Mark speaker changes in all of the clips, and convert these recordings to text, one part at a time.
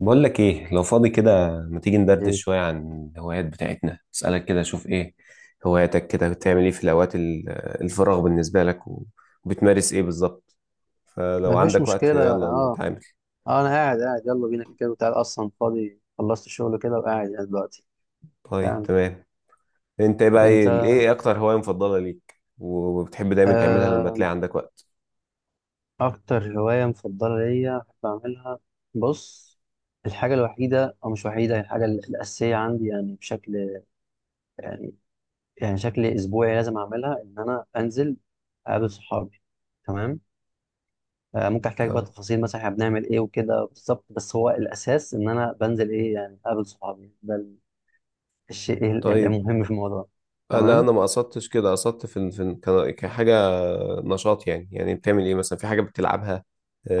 Speaker 1: بقول لك ايه، لو فاضي كده ما تيجي ندردش
Speaker 2: مم.
Speaker 1: شوية عن الهوايات بتاعتنا؟ اسألك كده شوف ايه هواياتك. كده بتعمل ايه في الفراغ بالنسبة لك، وبتمارس ايه بالظبط؟ فلو
Speaker 2: مفيش
Speaker 1: عندك وقت
Speaker 2: مشكلة
Speaker 1: يلا
Speaker 2: اه.
Speaker 1: نتعامل.
Speaker 2: اه انا قاعد، يلا بينا، كده كده وتعال، اصلا فاضي خلصت الشغل كده وقاعد يعني دلوقتي.
Speaker 1: طيب
Speaker 2: تمام.
Speaker 1: تمام. انت ايه بقى
Speaker 2: انت؟
Speaker 1: ايه اكتر هواية مفضلة ليك وبتحب دايما تعملها لما
Speaker 2: آه،
Speaker 1: تلاقي عندك وقت؟
Speaker 2: اكتر هواية مفضلة ليا بحب اعملها، بص، الحاجة الوحيدة او مش وحيدة، هي الحاجة الاساسية عندي، يعني بشكل، يعني يعني شكل اسبوعي لازم اعملها، ان انا انزل اقابل صحابي. تمام. آه، ممكن احكي لك بقى
Speaker 1: اه،
Speaker 2: تفاصيل مثلا احنا بنعمل ايه وكده بالظبط، بس هو الاساس ان انا بنزل ايه يعني اقابل صحابي، ده الشيء
Speaker 1: طيب.
Speaker 2: المهم في الموضوع.
Speaker 1: لا
Speaker 2: تمام.
Speaker 1: انا ما قصدتش كده، قصدت كحاجة نشاط، يعني يعني بتعمل ايه مثلا، في حاجة بتلعبها؟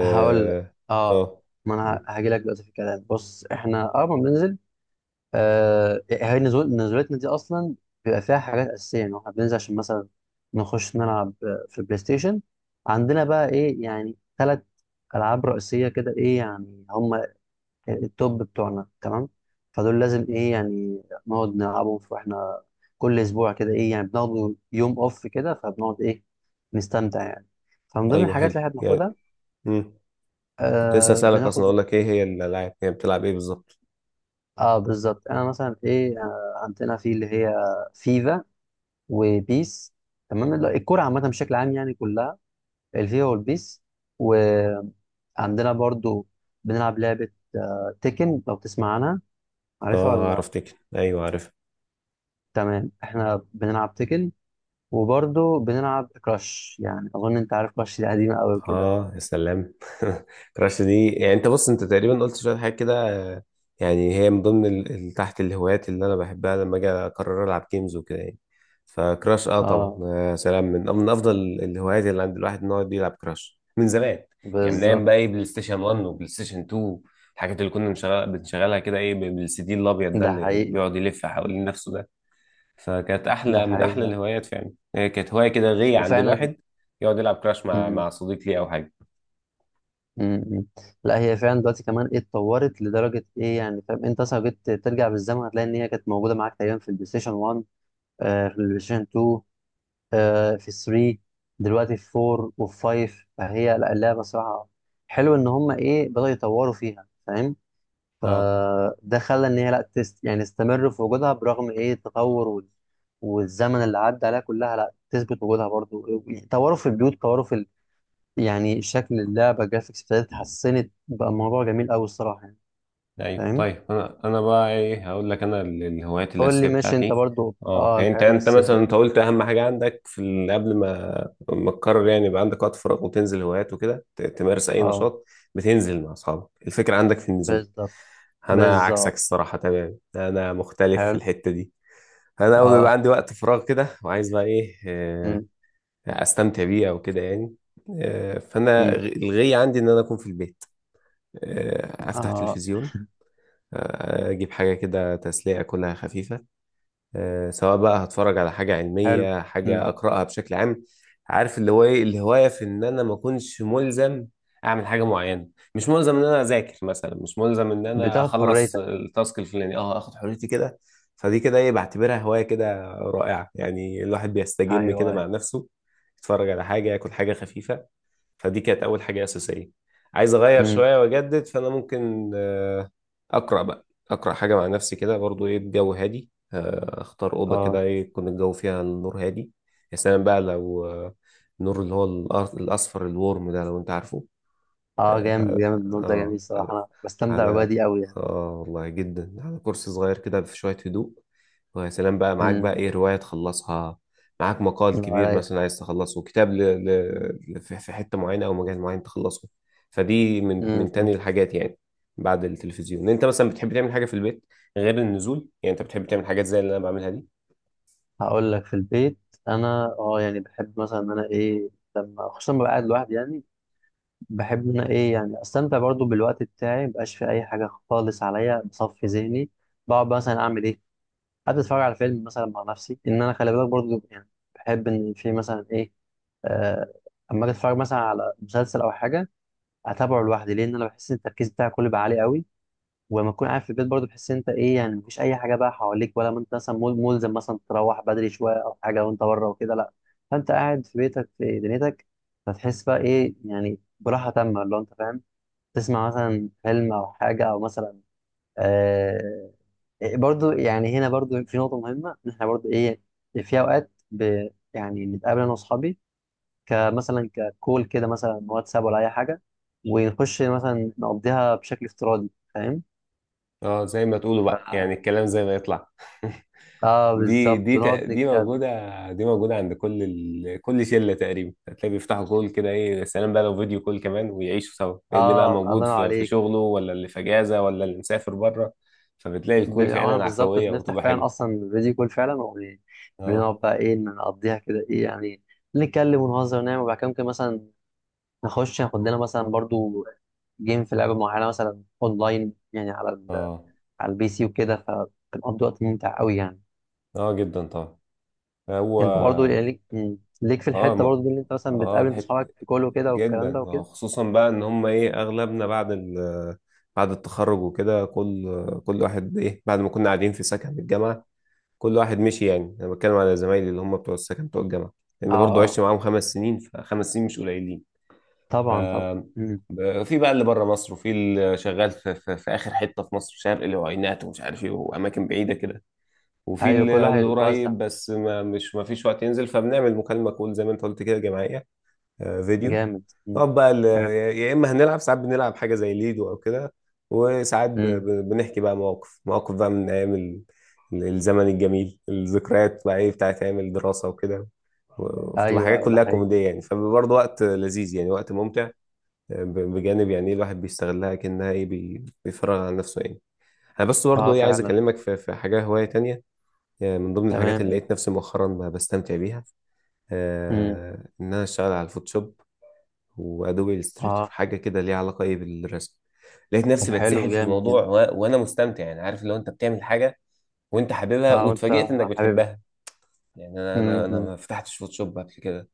Speaker 2: هقول لك، اه،
Speaker 1: آه.
Speaker 2: ما انا هاجي لك دلوقتي في الكلام. بص احنا ما بننزل، آه، هي نزول نزولتنا دي اصلا بيبقى فيها حاجات اساسيه، يعني احنا بننزل عشان مثلا نخش نلعب، في البلاي ستيشن. عندنا بقى ايه يعني ثلاث العاب رئيسيه كده، ايه يعني هم التوب بتوعنا، تمام؟ فدول لازم ايه يعني نقعد واحنا كل اسبوع كده ايه يعني بناخد يوم اوف كده، فبنقعد ايه نستمتع يعني. فمن ضمن
Speaker 1: ايوه،
Speaker 2: الحاجات اللي
Speaker 1: حلو
Speaker 2: احنا
Speaker 1: يعني.
Speaker 2: بناخدها،
Speaker 1: امم كنت لسه
Speaker 2: آه،
Speaker 1: اسالك اصلا،
Speaker 2: بناخد،
Speaker 1: اقول لك ايه هي الالعاب، هي بتلعب ايه بالظبط؟
Speaker 2: اه بالظبط، انا مثلا ايه، آه، عندنا في اللي هي فيفا وبيس، تمام. لا، الكرة عامة بشكل عام يعني، كلها الفيفا والبيس. وعندنا برضو بنلعب لعبة، آه، تيكن، لو تسمع عنها، عارفها
Speaker 1: اه
Speaker 2: ولا؟
Speaker 1: اعرف تكن، ايوه عارف.
Speaker 2: تمام، احنا بنلعب تيكن، وبرضه بنلعب كراش، يعني أظن أنت عارف كراش، دي قديمة أوي كده.
Speaker 1: اه، يا سلام. كراش دي يعني، انت بص انت تقريبا قلت شويه حاجات كده. يعني هي من ضمن تحت الهوايات اللي انا بحبها لما اجي اقرر العب جيمز وكده يعني. فكراش اه طبعا،
Speaker 2: اه
Speaker 1: يا سلام، من افضل الهوايات اللي عند الواحد ان هو يلعب كراش من زمان. يعني من ايام
Speaker 2: بالظبط.
Speaker 1: بقى ايه بلاي ستيشن 1 وبلاي ستيشن 2، الحاجات اللي كنا بنشغلها كده ايه بالسي دي الابيض ده
Speaker 2: ده
Speaker 1: اللي
Speaker 2: حقيقي،
Speaker 1: بيقعد يلف حوالين نفسه ده. فكانت
Speaker 2: ده
Speaker 1: احلى من
Speaker 2: حقيقي
Speaker 1: احلى
Speaker 2: يعني.
Speaker 1: الهوايات فعلا، هي كانت هوايه كده غيه عند
Speaker 2: وفعلا.
Speaker 1: الواحد، يقعد يلعب كراش مع
Speaker 2: م-
Speaker 1: مع صديق ليه او حاجه.
Speaker 2: م- م. لا هي فعلا دلوقتي كمان ايه، اتطورت لدرجة ايه يعني، فاهم؟ انت اصلا لو جيت ترجع بالزمن، هتلاقي ان هي كانت موجودة معاك تقريبا في البلاي ستيشن 1، آه في البلاي ستيشن 2، آه في 3، دلوقتي في 4 وفي 5. فهي لا، اللعبة صراحة حلو ان هم ايه بدأوا يطوروا فيها، فاهم؟
Speaker 1: اه،
Speaker 2: فده خلى ان هي لا تست يعني تستمر في وجودها، برغم ايه التطور والزمن اللي عدى عليها كلها، لا تثبت وجودها برضو. طوروا في البيوت، طوروا في ال... يعني شكل اللعبه، الجرافيكس ابتدت اتحسنت، بقى الموضوع جميل قوي الصراحه يعني.
Speaker 1: ايوه.
Speaker 2: فاهم.
Speaker 1: طيب انا انا بقى ايه هقول لك انا الهوايات
Speaker 2: قول
Speaker 1: الاساسيه
Speaker 2: لي ماشي، انت
Speaker 1: بتاعتي.
Speaker 2: برضو
Speaker 1: اه
Speaker 2: اه
Speaker 1: يعني انت
Speaker 2: الحاجات
Speaker 1: مثلا
Speaker 2: الاساسيه.
Speaker 1: انت قلت اهم حاجه عندك في قبل ما تقرر يعني يبقى عندك وقت فراغ وتنزل هوايات وكده تمارس اي
Speaker 2: اه
Speaker 1: نشاط، بتنزل مع اصحابك، الفكره عندك في النزول.
Speaker 2: بالظبط.
Speaker 1: انا عكسك
Speaker 2: بالظبط.
Speaker 1: الصراحه تمام، انا مختلف في
Speaker 2: حلو.
Speaker 1: الحته دي. انا اول ما يبقى
Speaker 2: اه.
Speaker 1: عندي وقت فراغ كده وعايز بقى ايه
Speaker 2: م.
Speaker 1: استمتع بيه او كده يعني. فانا
Speaker 2: م.
Speaker 1: الغي عندي ان انا اكون في البيت، افتح
Speaker 2: اه.
Speaker 1: تلفزيون، اجيب حاجه كده تسليه كلها خفيفه، سواء بقى هتفرج على حاجه
Speaker 2: حلو.
Speaker 1: علميه،
Speaker 2: م.
Speaker 1: حاجه اقراها بشكل عام. عارف اللي هو ايه الهوايه في ان انا ما اكونش ملزم اعمل حاجه معينه، مش ملزم ان انا اذاكر مثلا، مش ملزم ان انا
Speaker 2: بتاخد
Speaker 1: اخلص
Speaker 2: حريتك.
Speaker 1: التاسك الفلاني، اه اخد حريتي كده. فدي كده ايه بعتبرها هوايه كده رائعه، يعني الواحد بيستجم
Speaker 2: ايوه
Speaker 1: كده
Speaker 2: ايوه.
Speaker 1: مع نفسه، يتفرج على حاجه، ياكل حاجه خفيفه. فدي كانت اول حاجه اساسيه. عايز اغير
Speaker 2: م.
Speaker 1: شويه واجدد، فانا ممكن اقرا بقى، حاجه مع نفسي كده، برضو ايه الجو هادي، اختار اوضه كده
Speaker 2: اه.
Speaker 1: ايه يكون الجو فيها النور هادي. يا سلام بقى لو النور اللي هو الاصفر الورم ده، لو انت عارفه.
Speaker 2: اه جامد جامد، النور ده
Speaker 1: اه
Speaker 2: جميل صراحه،
Speaker 1: على،
Speaker 2: انا بستمتع بالأجواء
Speaker 1: على،
Speaker 2: دي قوي.
Speaker 1: اه والله جدا، على كرسي صغير كده في شوية هدوء، ويا سلام بقى معاك بقى
Speaker 2: امم.
Speaker 1: ايه رواية تخلصها، معاك مقال كبير
Speaker 2: رايق.
Speaker 1: مثلا عايز تخلصه، في في حتة معينة او مجال معين تخلصه. فدي من تاني
Speaker 2: امم.
Speaker 1: الحاجات يعني. بعد التلفزيون انت مثلا بتحب تعمل حاجة في البيت غير النزول؟ يعني انت بتحب تعمل حاجات زي اللي انا بعملها دي؟
Speaker 2: هقول لك في البيت، انا اه يعني بحب مثلا ان انا ايه، لما خصوصا لما ببقى قاعد لوحدي يعني، بحب ان انا ايه يعني استمتع برضو بالوقت بتاعي، مبقاش في اي حاجه خالص عليا، بصفي ذهني. بقعد مثلا اعمل ايه، قاعد اتفرج على فيلم مثلا مع نفسي، ان انا خلي بالك برضو يعني، بحب ان في مثلا ايه، آه، اما اجي اتفرج مثلا على مسلسل او حاجه، اتابعه لوحدي، لان انا بحس ان التركيز بتاعي كله بقى عالي قوي. ولما تكون قاعد في البيت برضه، بتحس إن انت ايه يعني مفيش اي حاجه بقى حواليك، ولا ما انت مثلا ملزم مثلا تروح بدري شويه او حاجه وانت بره وكده، لا، فانت قاعد في بيتك في دنيتك، فتحس بقى ايه يعني براحه تامه، اللي هو انت فاهم، تسمع مثلا فيلم او حاجه او مثلا، آه، برضو يعني. هنا برضو في نقطة مهمة، إن إحنا برضو إيه في أوقات ب يعني نتقابل أنا وأصحابي، كمثلا ككول كده مثلا، واتساب ولا أي حاجة، ونخش مثلا نقضيها بشكل افتراضي،
Speaker 1: اه، زي ما تقولوا بقى يعني،
Speaker 2: فاهم؟
Speaker 1: الكلام زي ما يطلع.
Speaker 2: اه
Speaker 1: دي
Speaker 2: بالظبط،
Speaker 1: دي تق-
Speaker 2: ونقعد
Speaker 1: دي
Speaker 2: نتكلم.
Speaker 1: موجودة، دي موجودة عند كل كل شلة تقريبا، هتلاقي بيفتحوا كول كده ايه، يا سلام بقى لو فيديو كول كمان، ويعيشوا سوا إيه اللي بقى
Speaker 2: اه
Speaker 1: موجود
Speaker 2: الله ينور
Speaker 1: في
Speaker 2: عليك.
Speaker 1: شغله، ولا اللي في اجازة، ولا اللي مسافر بره. فبتلاقي
Speaker 2: ب-
Speaker 1: الكول
Speaker 2: واحنا
Speaker 1: فعلا
Speaker 2: بالظبط
Speaker 1: عفوية
Speaker 2: بنفتح
Speaker 1: وبتبقى
Speaker 2: فعلا
Speaker 1: حلوة.
Speaker 2: اصلا فيديو كول فعلا،
Speaker 1: اه.
Speaker 2: وبنقعد بقى ايه نقضيها كده، ايه يعني نتكلم ونهزر ونعمل، وبعد كده ممكن مثلا نخش ناخد لنا مثلا برضو جيم في لعبه معينه مثلا اونلاين، يعني على ال...
Speaker 1: اه.
Speaker 2: على البي سي وكده. فبنقضي وقت ممتع قوي يعني.
Speaker 1: اه جدا طبعا. هو
Speaker 2: انت برضو يعني ليك ليك في
Speaker 1: اه
Speaker 2: الحته برضو دي، اللي انت مثلا
Speaker 1: اه
Speaker 2: بتقابل انت اصحابك في كله كده والكلام ده
Speaker 1: جدا، اه
Speaker 2: وكده.
Speaker 1: خصوصا بقى ان هم ايه اغلبنا بعد بعد التخرج وكده، كل واحد ايه بعد ما كنا قاعدين في سكن الجامعة، كل واحد مشي يعني. انا بتكلم على زمايلي اللي هم بتوع السكن، بتوع الجامعه،
Speaker 2: اه.
Speaker 1: لان برضه
Speaker 2: آه.
Speaker 1: عشت معاهم 5 سنين، ف5 سنين مش قليلين. ف
Speaker 2: طبعا طبعا. مم.
Speaker 1: في بقى اللي بره مصر، وفي اللي شغال في اخر حته في مصر شرق، اللي هو عينات ومش عارف ايه، واماكن بعيده كده، وفي
Speaker 2: ايوه كل واحد
Speaker 1: اللي
Speaker 2: يتوزع.
Speaker 1: قريب بس ما مش ما فيش وقت ينزل، فبنعمل مكالمه كول زي ما انت قلت كده جماعيه، فيديو.
Speaker 2: جامد. مم.
Speaker 1: نقعد بقى يا اما هنلعب، ساعات بنلعب حاجه زي ليدو او كده، وساعات
Speaker 2: امم.
Speaker 1: بنحكي بقى مواقف، مواقف بقى من ايام الزمن الجميل، الذكريات بقى ايه بتاعت ايام الدراسه وكده، وبتبقى
Speaker 2: ايوه
Speaker 1: حاجات
Speaker 2: ايوه ده
Speaker 1: كلها
Speaker 2: حقيقي.
Speaker 1: كوميديه يعني، فبرضه وقت لذيذ يعني، وقت ممتع. بجانب يعني إيه الواحد بيستغلها كأنها ايه بيفرغ عن نفسه يعني. انا بس
Speaker 2: اه
Speaker 1: برضه ايه عايز
Speaker 2: فعلا.
Speaker 1: اكلمك في حاجه، هوايه تانية. من ضمن الحاجات
Speaker 2: تمام
Speaker 1: اللي لقيت
Speaker 2: ايه.
Speaker 1: نفسي مؤخرا بستمتع بيها،
Speaker 2: امم.
Speaker 1: ان انا اشتغل على الفوتوشوب وادوبي الستريتور،
Speaker 2: اه
Speaker 1: حاجه كده ليها علاقه ايه بالرسم. لقيت
Speaker 2: طب
Speaker 1: نفسي
Speaker 2: حلو،
Speaker 1: بتسحل في
Speaker 2: جامد جدا.
Speaker 1: الموضوع وانا مستمتع يعني. عارف لو انت بتعمل حاجه وانت حاببها
Speaker 2: اه وانت
Speaker 1: واتفاجئت انك
Speaker 2: حاببها.
Speaker 1: بتحبها؟ يعني انا انا
Speaker 2: امم.
Speaker 1: انا
Speaker 2: أمم.
Speaker 1: ما فتحتش فوتوشوب قبل كده،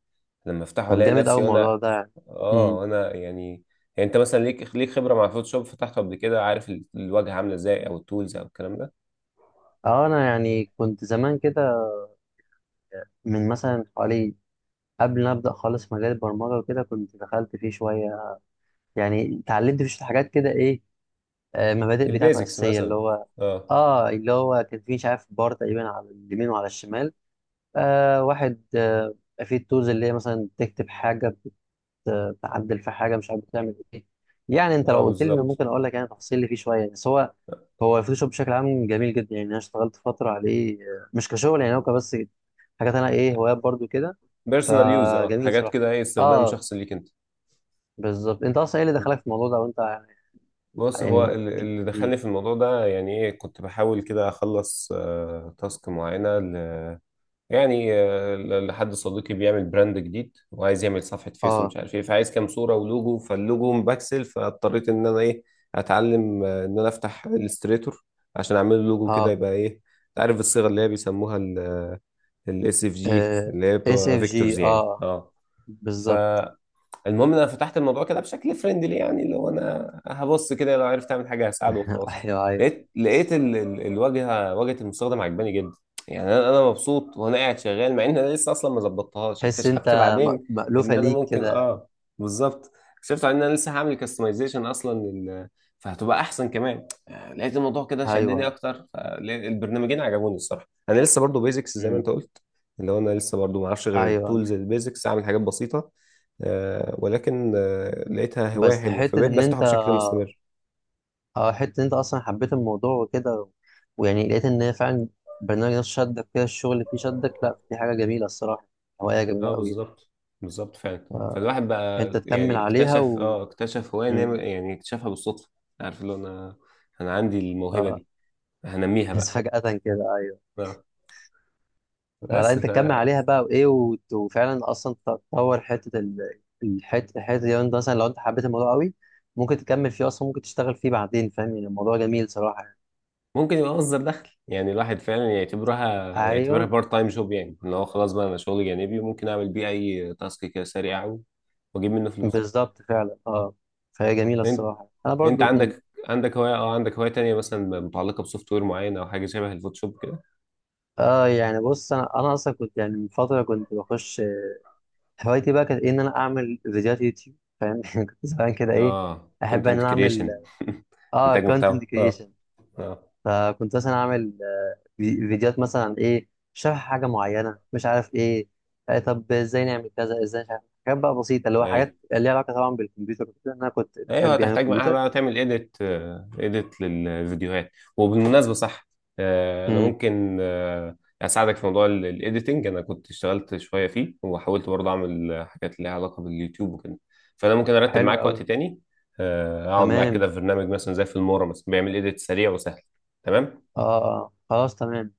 Speaker 1: لما افتحه
Speaker 2: طب
Speaker 1: الاقي
Speaker 2: جامد قوي
Speaker 1: نفسي
Speaker 2: الموضوع
Speaker 1: وانا
Speaker 2: ده يعني.
Speaker 1: اه،
Speaker 2: امم.
Speaker 1: وانا يعني. يعني انت مثلا ليك خبره مع الفوتوشوب، فتحته قبل كده، عارف الواجهه عامله ازاي، او التولز او الكلام ده،
Speaker 2: اه يعني كنت زمان كده، من مثلا حوالي، قبل ما ابدا خالص مجال البرمجه وكده، كنت دخلت فيه شويه، يعني اتعلمت فيه شوية حاجات كده ايه، آه، مبادئ بتاعته
Speaker 1: البيزكس
Speaker 2: اساسيه، اللي
Speaker 1: مثلا.
Speaker 2: هو.
Speaker 1: اه.
Speaker 2: اه، اللي هو كان فيه مش عارف بار تقريبا على اليمين وعلى الشمال، آه واحد آه في التولز، اللي هي مثلا تكتب حاجه، تعدل في حاجه، مش عارف بتعمل ايه. يعني انت
Speaker 1: اه
Speaker 2: لو قلت لي انا
Speaker 1: بالظبط.
Speaker 2: ممكن اقول لك يعني تفاصيل اللي فيه شويه، بس هو، هو الفوتوشوب بشكل عام جميل جدا يعني. انا اشتغلت فتره عليه، آه، مش كشغل يعني، هو كبس حاجات انا ايه هوايات برضو كده.
Speaker 1: بيرسونال يوز، اه
Speaker 2: فجميل
Speaker 1: حاجات
Speaker 2: صراحه.
Speaker 1: كده ايه، استخدام
Speaker 2: اه
Speaker 1: شخصي ليك انت.
Speaker 2: بالظبط. انت اصلا ايه اللي دخلك في الموضوع ده وانت؟
Speaker 1: بص هو
Speaker 2: يعني ج-
Speaker 1: اللي
Speaker 2: مم.
Speaker 1: دخلني في الموضوع ده يعني ايه، كنت بحاول كده اخلص تاسك معينه يعني لحد صديقي بيعمل براند جديد، وعايز يعمل صفحه فيس
Speaker 2: اه.
Speaker 1: ومش عارف ايه، فعايز كام صوره ولوجو، فاللوجو مبكسل، فاضطريت ان انا ايه اتعلم ان انا افتح الستريتور عشان اعمل له لوجو كده
Speaker 2: اه
Speaker 1: يبقى ايه. انت عارف الصيغه اللي هي بيسموها الاس اف جي، اللي هي
Speaker 2: اس
Speaker 1: بتبقى
Speaker 2: اف
Speaker 1: فيكتورز
Speaker 2: جي،
Speaker 1: يعني.
Speaker 2: اه
Speaker 1: اه. ف
Speaker 2: بالظبط.
Speaker 1: المهم إن انا فتحت الموضوع كده بشكل فريندلي، يعني اللي هو انا هبص كده، لو عرفت اعمل حاجه هساعده وخلاص.
Speaker 2: ايوه ايوه.
Speaker 1: لقيت لقيت ال... ال... الواجهه واجهه المستخدم عجباني جدا يعني انا انا مبسوط وانا قاعد شغال، مع ان انا لسه اصلا ما ظبطتهاش.
Speaker 2: تحس انت
Speaker 1: اكتشفت بعدين
Speaker 2: م-
Speaker 1: ان
Speaker 2: مألوفه
Speaker 1: انا
Speaker 2: ليك
Speaker 1: ممكن
Speaker 2: كده.
Speaker 1: اه، بالظبط، اكتشفت بعدين ان انا لسه هعمل كاستمايزيشن اصلا فهتبقى احسن كمان. لقيت الموضوع كده شدني
Speaker 2: ايوه.
Speaker 1: اكتر، فالبرنامجين عجبوني الصراحه. انا لسه برضو بيزكس زي ما انت
Speaker 2: مم.
Speaker 1: قلت، اللي هو انا لسه برضو ما اعرفش غير
Speaker 2: ايوه.
Speaker 1: التولز البيزكس، اعمل حاجات بسيطه. ولكن لقيتها هواية
Speaker 2: بس
Speaker 1: حلوة
Speaker 2: حته
Speaker 1: فبقيت
Speaker 2: ان
Speaker 1: بفتحه
Speaker 2: انت،
Speaker 1: بشكل مستمر.
Speaker 2: اه حتة إن انت اصلا حبيت الموضوع وكده و- ويعني لقيت ان هي فعلا برنامج نفسه شدك كده، الشغل اللي فيه شدك، لا دي حاجة جميلة الصراحة، هواية جميلة
Speaker 1: اه
Speaker 2: قوي يعني.
Speaker 1: بالظبط. بالظبط فعلا، فالواحد بقى
Speaker 2: فانت تكمل
Speaker 1: يعني
Speaker 2: عليها
Speaker 1: اكتشف
Speaker 2: و
Speaker 1: اه، اكتشف هواية
Speaker 2: مم.
Speaker 1: نعمل، يعني اكتشفها بالصدفة. عارف اللي هو انا، انا عندي الموهبة
Speaker 2: اه.
Speaker 1: دي، هنميها
Speaker 2: بس
Speaker 1: بقى.
Speaker 2: فجأة كده ايوه.
Speaker 1: اه،
Speaker 2: فلا
Speaker 1: بس
Speaker 2: انت تكمل
Speaker 1: فممكن
Speaker 2: عليها بقى وايه، وفعلا اصلا تطور حتة الحتة، الحتة دي انت مثلا لو انت حبيت الموضوع قوي، ممكن تكمل فيه اصلا، ممكن تشتغل فيه بعدين، فاهم يعني؟ الموضوع جميل صراحة يعني.
Speaker 1: يبقى مصدر دخل، يعني الواحد فعلا يعتبرها، يعتبرها
Speaker 2: ايوه
Speaker 1: بارت تايم جوب يعني، ان هو خلاص بقى انا شغلي جانبي وممكن اعمل بيه اي تاسك كده سريع واجيب منه فلوس.
Speaker 2: بالظبط فعلا، اه. فهي جميلة
Speaker 1: انت،
Speaker 2: الصراحة، انا
Speaker 1: انت
Speaker 2: برضو.
Speaker 1: عندك عندك هواية اه، عندك هواية تانية مثلا متعلقة بسوفت وير معين، او حاجة شبه الفوتوشوب كده؟
Speaker 2: اه يعني بص، انا اصلا كنت يعني من فتره كنت بخش، هوايتي بقى كانت إيه ان انا اعمل فيديوهات يوتيوب، فاهم؟ يعني كنت زمان كده ايه
Speaker 1: اه
Speaker 2: احب ان
Speaker 1: كونتنت
Speaker 2: انا اعمل،
Speaker 1: كريشن.
Speaker 2: اه
Speaker 1: انتاج
Speaker 2: كونتنت
Speaker 1: محتوى اه.
Speaker 2: كريشن.
Speaker 1: اه
Speaker 2: فكنت مثلا اعمل، آه، فيديوات مثلا عن ايه، شرح حاجه معينه مش عارف ايه، آه طب ازاي نعمل كذا ازاي، مش عارف، حاجات بقى بسيطه، اللي هو
Speaker 1: ايوه
Speaker 2: حاجات ليها علاقه طبعا بالكمبيوتر وكده، إن انا كنت
Speaker 1: ايوه،
Speaker 2: بحب يعني
Speaker 1: هتحتاج معاها
Speaker 2: الكمبيوتر.
Speaker 1: بقى تعمل ايديت، ايديت للفيديوهات. وبالمناسبه صح، انا
Speaker 2: امم.
Speaker 1: ممكن اساعدك في موضوع الايديتنج. انا كنت اشتغلت شويه فيه، وحاولت برضه اعمل حاجات ليها علاقه باليوتيوب وكده، فانا ممكن ارتب
Speaker 2: حلو
Speaker 1: معاك
Speaker 2: قوي.
Speaker 1: وقت تاني، اقعد معاك
Speaker 2: تمام.
Speaker 1: كده في برنامج مثلا زي في المورا، مثلا بيعمل ايديت سريع وسهل. تمام.
Speaker 2: اه اه آه، خلاص تمام.